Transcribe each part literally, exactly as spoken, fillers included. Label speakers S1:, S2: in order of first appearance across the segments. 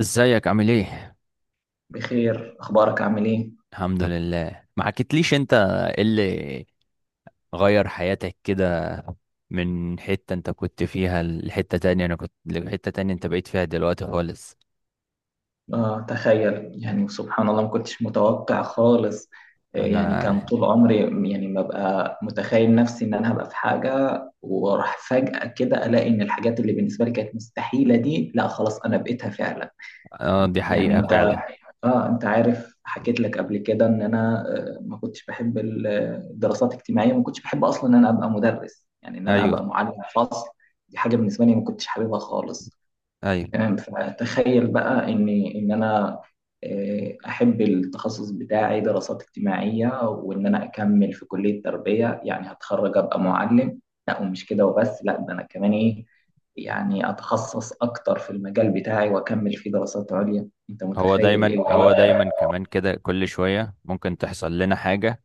S1: ازيك؟ عامل ايه؟
S2: بخير، اخبارك؟ عامل ايه؟
S1: الحمد لله. ما حكيتليش انت ايه اللي غير حياتك كده، من حتة انت كنت فيها لحتة تانية، انا كنت لحتة تانية انت بقيت فيها دلوقتي خالص.
S2: آه تخيل، يعني سبحان الله ما كنتش متوقع خالص. آه، يعني
S1: انا.
S2: كان طول عمري يعني ببقى متخيل نفسي ان انا هبقى في حاجه، وراح فجأة كده الاقي ان الحاجات اللي بالنسبه لي كانت مستحيله دي، لا خلاص انا بقيتها فعلا.
S1: اه، دي
S2: يعني
S1: حقيقة
S2: انت،
S1: فعلا.
S2: اه انت عارف حكيت لك قبل كده ان انا آه، ما كنتش بحب ال- الدراسات الاجتماعيه، ما كنتش بحب اصلا ان انا ابقى مدرس، يعني ان انا
S1: ايوه،
S2: ابقى معلم فصل. دي حاجه بالنسبه لي ما كنتش حاببها خالص.
S1: ايوه.
S2: تمام، فتخيل بقى ان ان انا آه، احب التخصص بتاعي دراسات اجتماعيه، وان انا اكمل في كليه تربيه يعني هتخرج ابقى معلم. لا، ومش كده وبس، لا ده انا كمان ايه، يعني اتخصص اكتر في المجال بتاعي واكمل فيه دراسات عليا. انت
S1: هو
S2: متخيل ايه اللي
S1: دايما هو دايما كمان كده، كل شوية ممكن تحصل لنا حاجة.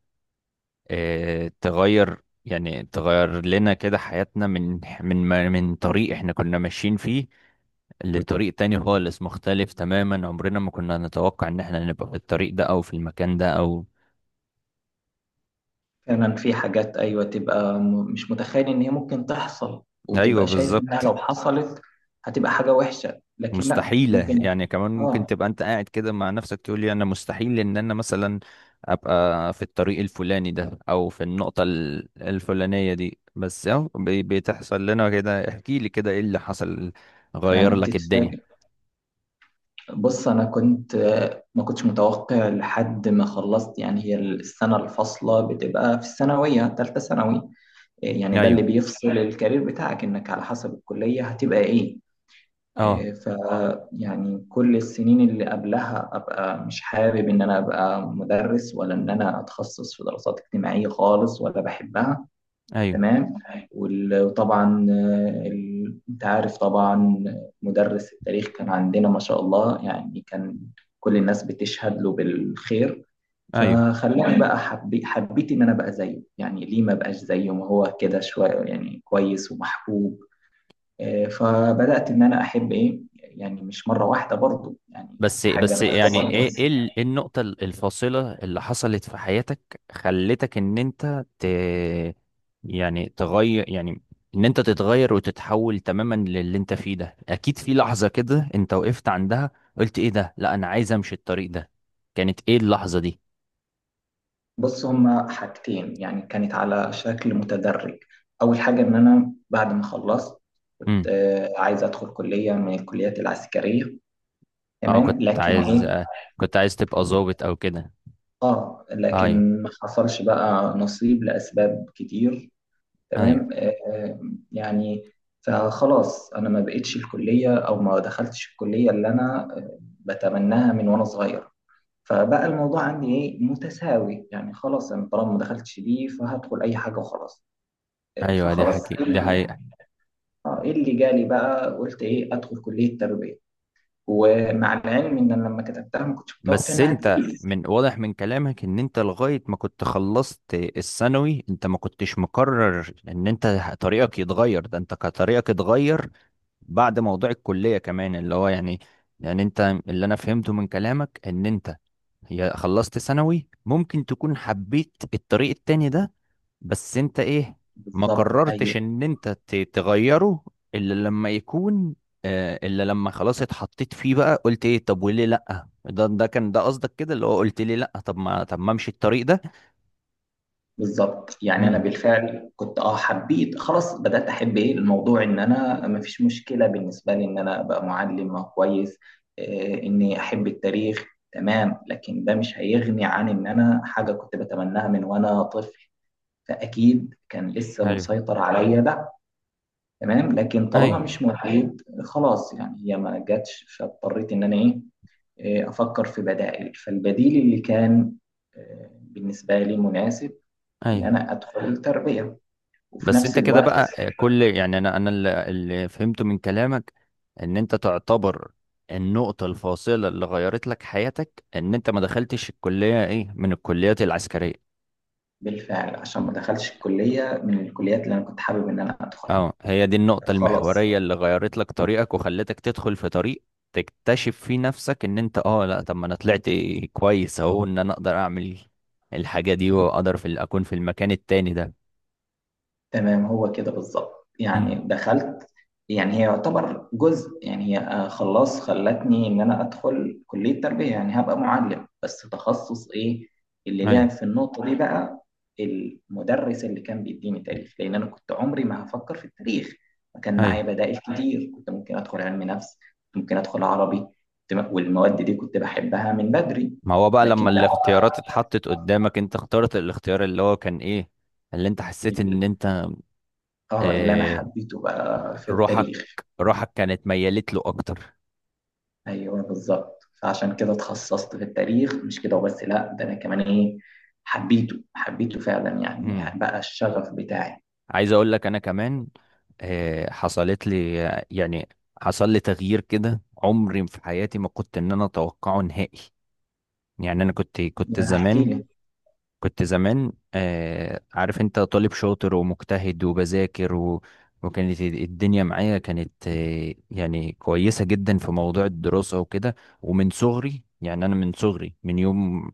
S1: اه، تغير يعني، تغير لنا كده حياتنا من من من طريق احنا كنا ماشيين فيه لطريق تاني خالص، مختلف تماما. عمرنا ما كنا نتوقع ان احنا نبقى في الطريق ده او في المكان ده او...
S2: فعلا في حاجات، ايوه، تبقى م- مش متخيل ان هي ممكن تحصل،
S1: ايوه
S2: وتبقى شايف انها
S1: بالظبط.
S2: لو حصلت هتبقى حاجه وحشه، لكن لا
S1: مستحيلة
S2: ممكن.
S1: يعني، كمان ممكن
S2: اه
S1: تبقى انت قاعد كده مع نفسك تقول لي انا مستحيل ان انا مثلا ابقى في الطريق الفلاني ده او في النقطة ال- الفلانية دي. بس اهو بي- بتحصل لنا كده. احكي لي كده ايه اللي حصل، غير
S2: فعلا
S1: لك الدنيا؟
S2: تتفاجئ. بص، انا كنت ما كنتش متوقع لحد ما خلصت. يعني هي السنه الفاصله بتبقى في الثانويه، ثالثه ثانوي، يعني ده اللي
S1: ايوه،
S2: بيفصل الكارير بتاعك انك على حسب الكليه هتبقى ايه.
S1: اه،
S2: ف يعني كل السنين اللي قبلها ابقى مش حابب ان انا ابقى مدرس، ولا ان انا اتخصص في دراسات اجتماعيه خالص ولا بحبها.
S1: ايوه،
S2: تمام. وال- وطبعا آه، ال- انت عارف طبعا مدرس التاريخ كان عندنا ما شاء الله، يعني كان كل الناس بتشهد له بالخير.
S1: ايوه.
S2: فخلاني بقى حبي حبيت ان انا بقى زيه، يعني ليه ما بقاش زيه، ما هو كده شويه يعني كويس ومحبوب. آه، فبدأت ان انا احب ايه، يعني مش مرة واحدة برضه يعني.
S1: بس
S2: حاجة
S1: بس يعني
S2: انا،
S1: ايه ايه ال- إيه النقطة ال- الفاصلة اللي حصلت في حياتك خلتك ان انت ت يعني تغير، يعني ان انت تتغير وتتحول تماما للي انت فيه ده؟ اكيد في لحظة كده انت وقفت عندها، قلت ايه ده، لا انا عايز امشي الطريق ده. كانت ايه اللحظة دي؟
S2: بص هما حاجتين، يعني كانت على شكل متدرج. أول حاجة إن أنا بعد ما خلصت كنت
S1: امم.
S2: آه، عايز أدخل كلية من الكليات العسكرية.
S1: اه، كنت
S2: تمام، لكن
S1: عايز
S2: إيه،
S1: آه، كنت عايز تبقى ظابط او كده؟
S2: آه
S1: ايوه.
S2: لكن ما حصلش بقى نصيب لأسباب كتير.
S1: ايوه،
S2: تمام. آه آه، يعني فخلاص أنا ما بقتش الكلية، أو ما دخلتش الكلية اللي أنا آه، بتمناها من وأنا صغير. فبقى الموضوع عندي إيه متساوي، يعني خلاص أنا طالما ما دخلتش دي فهدخل أي حاجة وخلاص.
S1: ايوه، دي
S2: فخلاص
S1: حقيقة، دي
S2: ال-
S1: حقيقة.
S2: آه، ايه اللي جالي بقى، قلت ايه ادخل كلية تربية، ومع العلم ان انا لما كتبتها ما كنتش متوقع
S1: بس
S2: انها
S1: انت،
S2: تجيلي.
S1: من واضح من كلامك، ان انت لغاية ما كنت خلصت الثانوي، انت ما كنتش مقرر ان انت ه- طريقك يتغير. ده انت كان طريقك اتغير بعد موضوع الكلية كمان، اللي هو يعني يعني انت، اللي انا فهمته من كلامك ان انت، يا خلصت ثانوي ممكن تكون حبيت الطريق التاني ده، بس انت ايه ما
S2: بالظبط.
S1: قررتش
S2: ايوه
S1: ان انت ت- تغيره الا لما يكون آه، الا لما خلاص اتحطيت فيه بقى، قلت ايه طب وليه لا. ده ده كان ده قصدك كده، اللي هو قلت ليه لا، طب ما طب ما امشي الطريق ده.
S2: بالظبط، يعني انا
S1: امم.
S2: بالفعل كنت اه حبيت، خلاص بدات احب ايه الموضوع، ان انا ما فيش مشكله بالنسبه لي ان انا ابقى معلم أو كويس. إيه اني احب التاريخ. تمام، لكن ده مش هيغني عن ان انا حاجه كنت بتمناها من وانا طفل، فاكيد كان لسه
S1: ايوه،
S2: مسيطر عليا ده. تمام، لكن طالما
S1: ايوه،
S2: مش موجود خلاص، يعني هي ما جاتش، فاضطريت ان انا ايه، إيه، افكر في بدائل. فالبديل اللي كان آه، بالنسبه لي مناسب ان
S1: ايوه.
S2: انا ادخل التربيه، وفي
S1: بس
S2: نفس
S1: انت كده
S2: الوقت
S1: بقى، آه، كل يعني انا انا، اللي اللي فهمته من كلامك ان انت تعتبر النقطة الفاصلة اللي غيرت لك حياتك ان انت ما دخلتش الكلية، ايه، من الكليات العسكرية.
S2: بالفعل عشان ما دخلش الكليه من الكليات اللي انا كنت حابب ان انا ادخلها.
S1: اه، هي دي النقطة
S2: خلاص.
S1: المحورية اللي غيرت لك طريقك وخلتك تدخل في طريق تكتشف فيه نفسك، ان انت، اه، لا طب ما انا طلعت كويس اهو، ان انا اقدر اعمل الحاجة دي واقدر في ال- اكون في المكان التاني ده.
S2: تمام، هو كده بالظبط. يعني
S1: امم.
S2: دخلت، يعني هي يعتبر جزء، يعني هي آه، خلاص خلتني ان انا ادخل كلية تربية يعني هبقى معلم، بس تخصص ايه اللي
S1: ايوه،
S2: لعب في النقطة دي بقى، المدرس اللي كان بيديني تاريخ، لان انا كنت عمري ما هفكر في التاريخ. فكان
S1: ايوه.
S2: معايا بدائل كتير، كنت ممكن ادخل علم نفس، كنت ممكن ادخل عربي، كنت م- والمواد دي كنت بحبها من بدري.
S1: ما هو بقى
S2: لكن
S1: لما
S2: لا،
S1: الاختيارات اتحطت قدامك، انت اخترت الاختيار اللي هو كان ايه، اللي انت حسيت ان
S2: ال-
S1: انت،
S2: اه اللي انا
S1: اه
S2: حبيته بقى في
S1: روحك
S2: التاريخ.
S1: روحك كانت ميالت له اكتر.
S2: ايوه بالظبط، فعشان كده اتخصصت في التاريخ، مش كده وبس، لا ده انا كمان ايه، حبيته حبيته فعلا، يعني
S1: امم.
S2: يعني بقى الشغف بتاعي.
S1: عايز اقول لك، انا كمان آه، حصلت لي يعني حصل لي تغيير كده عمري في حياتي ما كنت ان انا اتوقعه نهائي. يعني انا كنت كنت
S2: يعني احكي
S1: زمان
S2: لي.
S1: كنت زمان آه، عارف انت طالب شاطر ومجتهد وبذاكر و وكانت الدنيا معايا كانت، آه، يعني كويسة جدا في موضوع الدراسة وكده. ومن صغري، يعني أنا من صغري، من يوم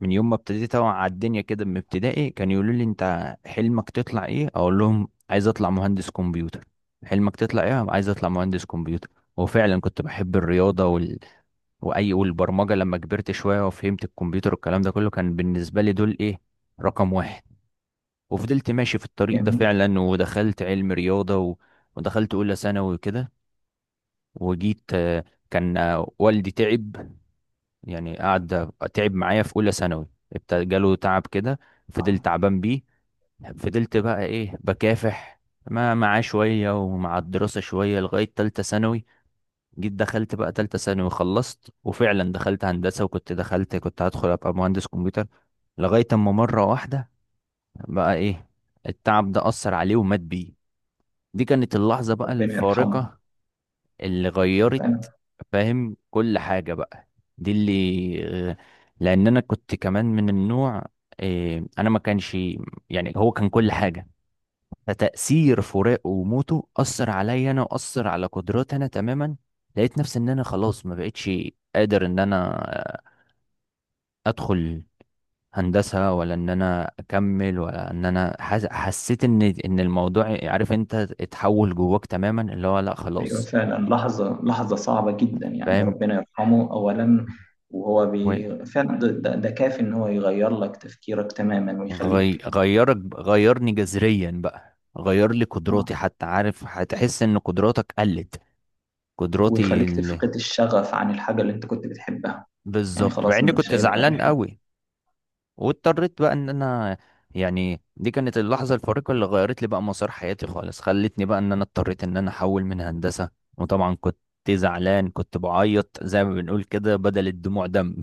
S1: من يوم ما ابتديت اوعى على الدنيا كده من ابتدائي، كان يقولوا لي انت حلمك تطلع ايه، اقول لهم عايز اطلع مهندس كمبيوتر. حلمك تطلع ايه؟ عايز اطلع مهندس كمبيوتر. وفعلا كنت بحب الرياضه وال... واي والبرمجه. لما كبرت شويه وفهمت الكمبيوتر والكلام ده كله، كان بالنسبه لي دول ايه، رقم واحد. وفضلت ماشي في الطريق ده
S2: جميل.
S1: فعلا، ودخلت علم رياضه و... ودخلت اولى ثانوي وكده. وجيت آه، كان آه، والدي تعب، يعني قعد تعب معايا في اولى ثانوي، ابتدى جاله تعب كده. فضلت تعبان بيه، فضلت بقى ايه، بكافح ما معاه شويه ومع الدراسه شويه لغايه تالتة ثانوي. جيت دخلت بقى تالتة ثانوي خلصت، وفعلا دخلت هندسه، وكنت دخلت كنت هدخل ابقى مهندس كمبيوتر. لغايه اما مره واحده، بقى ايه، التعب ده اثر عليه ومات بيه. دي كانت اللحظه بقى
S2: ربنا يرحمه.
S1: الفارقه اللي غيرت،
S2: فعلا.
S1: فاهم، كل حاجة بقى. دي اللي آه، لأن أنا كنت كمان من النوع، آه، أنا ما كانش، يعني هو كان كل حاجة. فتأثير فراقه وموته أثر عليا أنا، وأثر على قدراتي أنا تماما. لقيت نفسي إن أنا خلاص ما بقتش قادر إن أنا آه، أدخل هندسة، ولا إن أنا أكمل، ولا إن أنا حس... حسيت إن إن الموضوع، عارف أنت، اتحول جواك تماما اللي هو لأ
S2: ايوه
S1: خلاص.
S2: فعلا، لحظه، لحظه صعبه جدا يعني،
S1: فاهم.
S2: ربنا يرحمه اولا. وهو بي... فعلا ده, ده, ده كافي ان هو يغير لك تفكيرك تماما
S1: غي...
S2: ويخليك،
S1: غيرك غيرني جذريا بقى، غير لي قدراتي حتى. عارف هتحس ان قدراتك قلت، قدراتي
S2: ويخليك
S1: ال...
S2: تفقد الشغف عن الحاجه اللي انت كنت بتحبها. يعني
S1: بالظبط، مع
S2: خلاص
S1: اني
S2: مش
S1: كنت
S2: هيبقى
S1: زعلان
S2: لك.
S1: قوي، واضطريت بقى ان انا، يعني، دي كانت اللحظة الفارقة اللي غيرت لي بقى مسار حياتي خالص، خلتني بقى ان انا اضطريت ان انا احول من هندسة. وطبعا كنت زعلان، كنت بعيط زي ما بنقول كده بدل الدموع دم.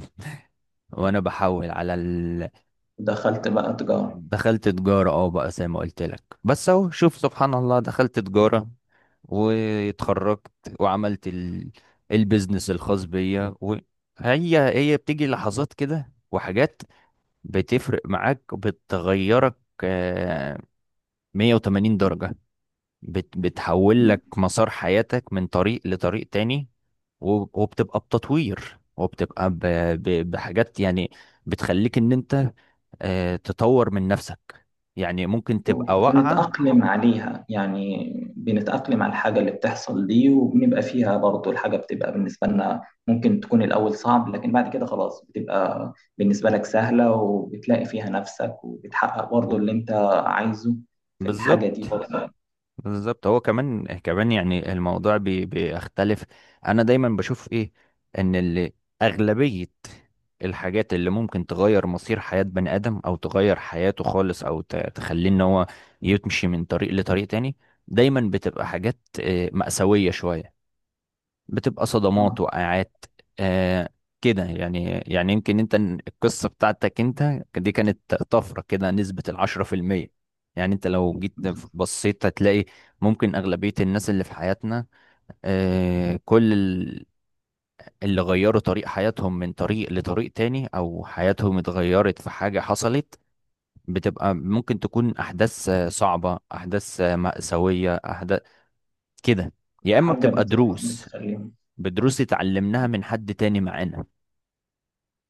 S1: وانا بحول على ال...
S2: دخلت بقى تجاره.
S1: دخلت تجارة اه بقى، زي ما قلت لك، بس اهو شوف سبحان الله، دخلت تجارة واتخرجت وعملت ال... البيزنس الخاص بيا. وهي هي بتيجي لحظات كده وحاجات بتفرق معاك، بتغيرك آه، مية وتمانين درجة. بت... بتحول لك مسار حياتك من طريق لطريق تاني و... وبتبقى بتطوير، وبتبقى ب... ب... بحاجات يعني بتخليك ان انت آه، تطور من نفسك. يعني ممكن تبقى واقعة
S2: وبنتأقلم عليها يعني، بنتأقلم على الحاجة اللي بتحصل دي وبنبقى فيها، برضو الحاجة بتبقى بالنسبة لنا ممكن تكون الأول صعب، لكن بعد كده خلاص بتبقى بالنسبة لك سهلة، وبتلاقي فيها نفسك، وبتحقق برضو
S1: و-
S2: اللي أنت عايزه في الحاجة دي
S1: بالظبط،
S2: برضو.
S1: بالظبط. هو كمان كمان يعني الموضوع بي بيختلف. انا دايما بشوف ايه، ان اللي، اغلبية الحاجات اللي ممكن تغير مصير حياة بني ادم، او تغير حياته خالص، او ت- تخليه ان هو يمشي من طريق لطريق تاني، دايما بتبقى حاجات آه، مأساوية شوية. بتبقى صدمات،
S2: آه.
S1: وقعات، آه كده يعني يعني يمكن انت القصة بتاعتك انت دي كانت طفرة كده، نسبة العشرة في المية. يعني انت لو جيت بصيت هتلاقي ممكن أغلبية الناس اللي في حياتنا، آه، كل ال- اللي غيروا طريق حياتهم من طريق لطريق تاني، او حياتهم اتغيرت في حاجة حصلت، بتبقى ممكن تكون احداث آه، صعبة، احداث آه، مأساوية، احداث كده، يا اما
S2: حاجة
S1: بتبقى
S2: بت-
S1: دروس
S2: بتخليهم.
S1: بدروس اتعلمناها من حد تاني معانا.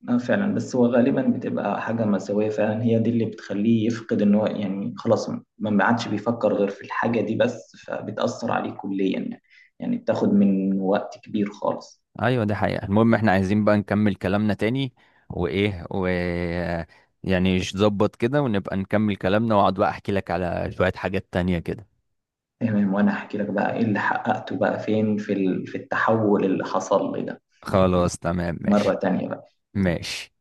S2: اه فعلا، بس هو غالبا بتبقى حاجة مأساوية فعلا هي دي اللي بتخليه يفقد ان هو، يعني خلاص ما عادش بيفكر غير في الحاجة دي بس، فبتأثر عليه كليا يعني، يعني بتاخد من وقت كبير خالص.
S1: ايوه دي حقيقة. المهم احنا عايزين بقى نكمل كلامنا تاني، وايه و يعني نظبط كده، ونبقى نكمل كلامنا، واقعد بقى احكي لك على شوية حاجات تانية كده.
S2: تمام، وانا احكي لك بقى ايه اللي حققته بقى فين في ال- في التحول اللي حصل لي ده
S1: خلاص تمام
S2: مرة
S1: ماشي.
S2: تانية بقى.
S1: ماشي.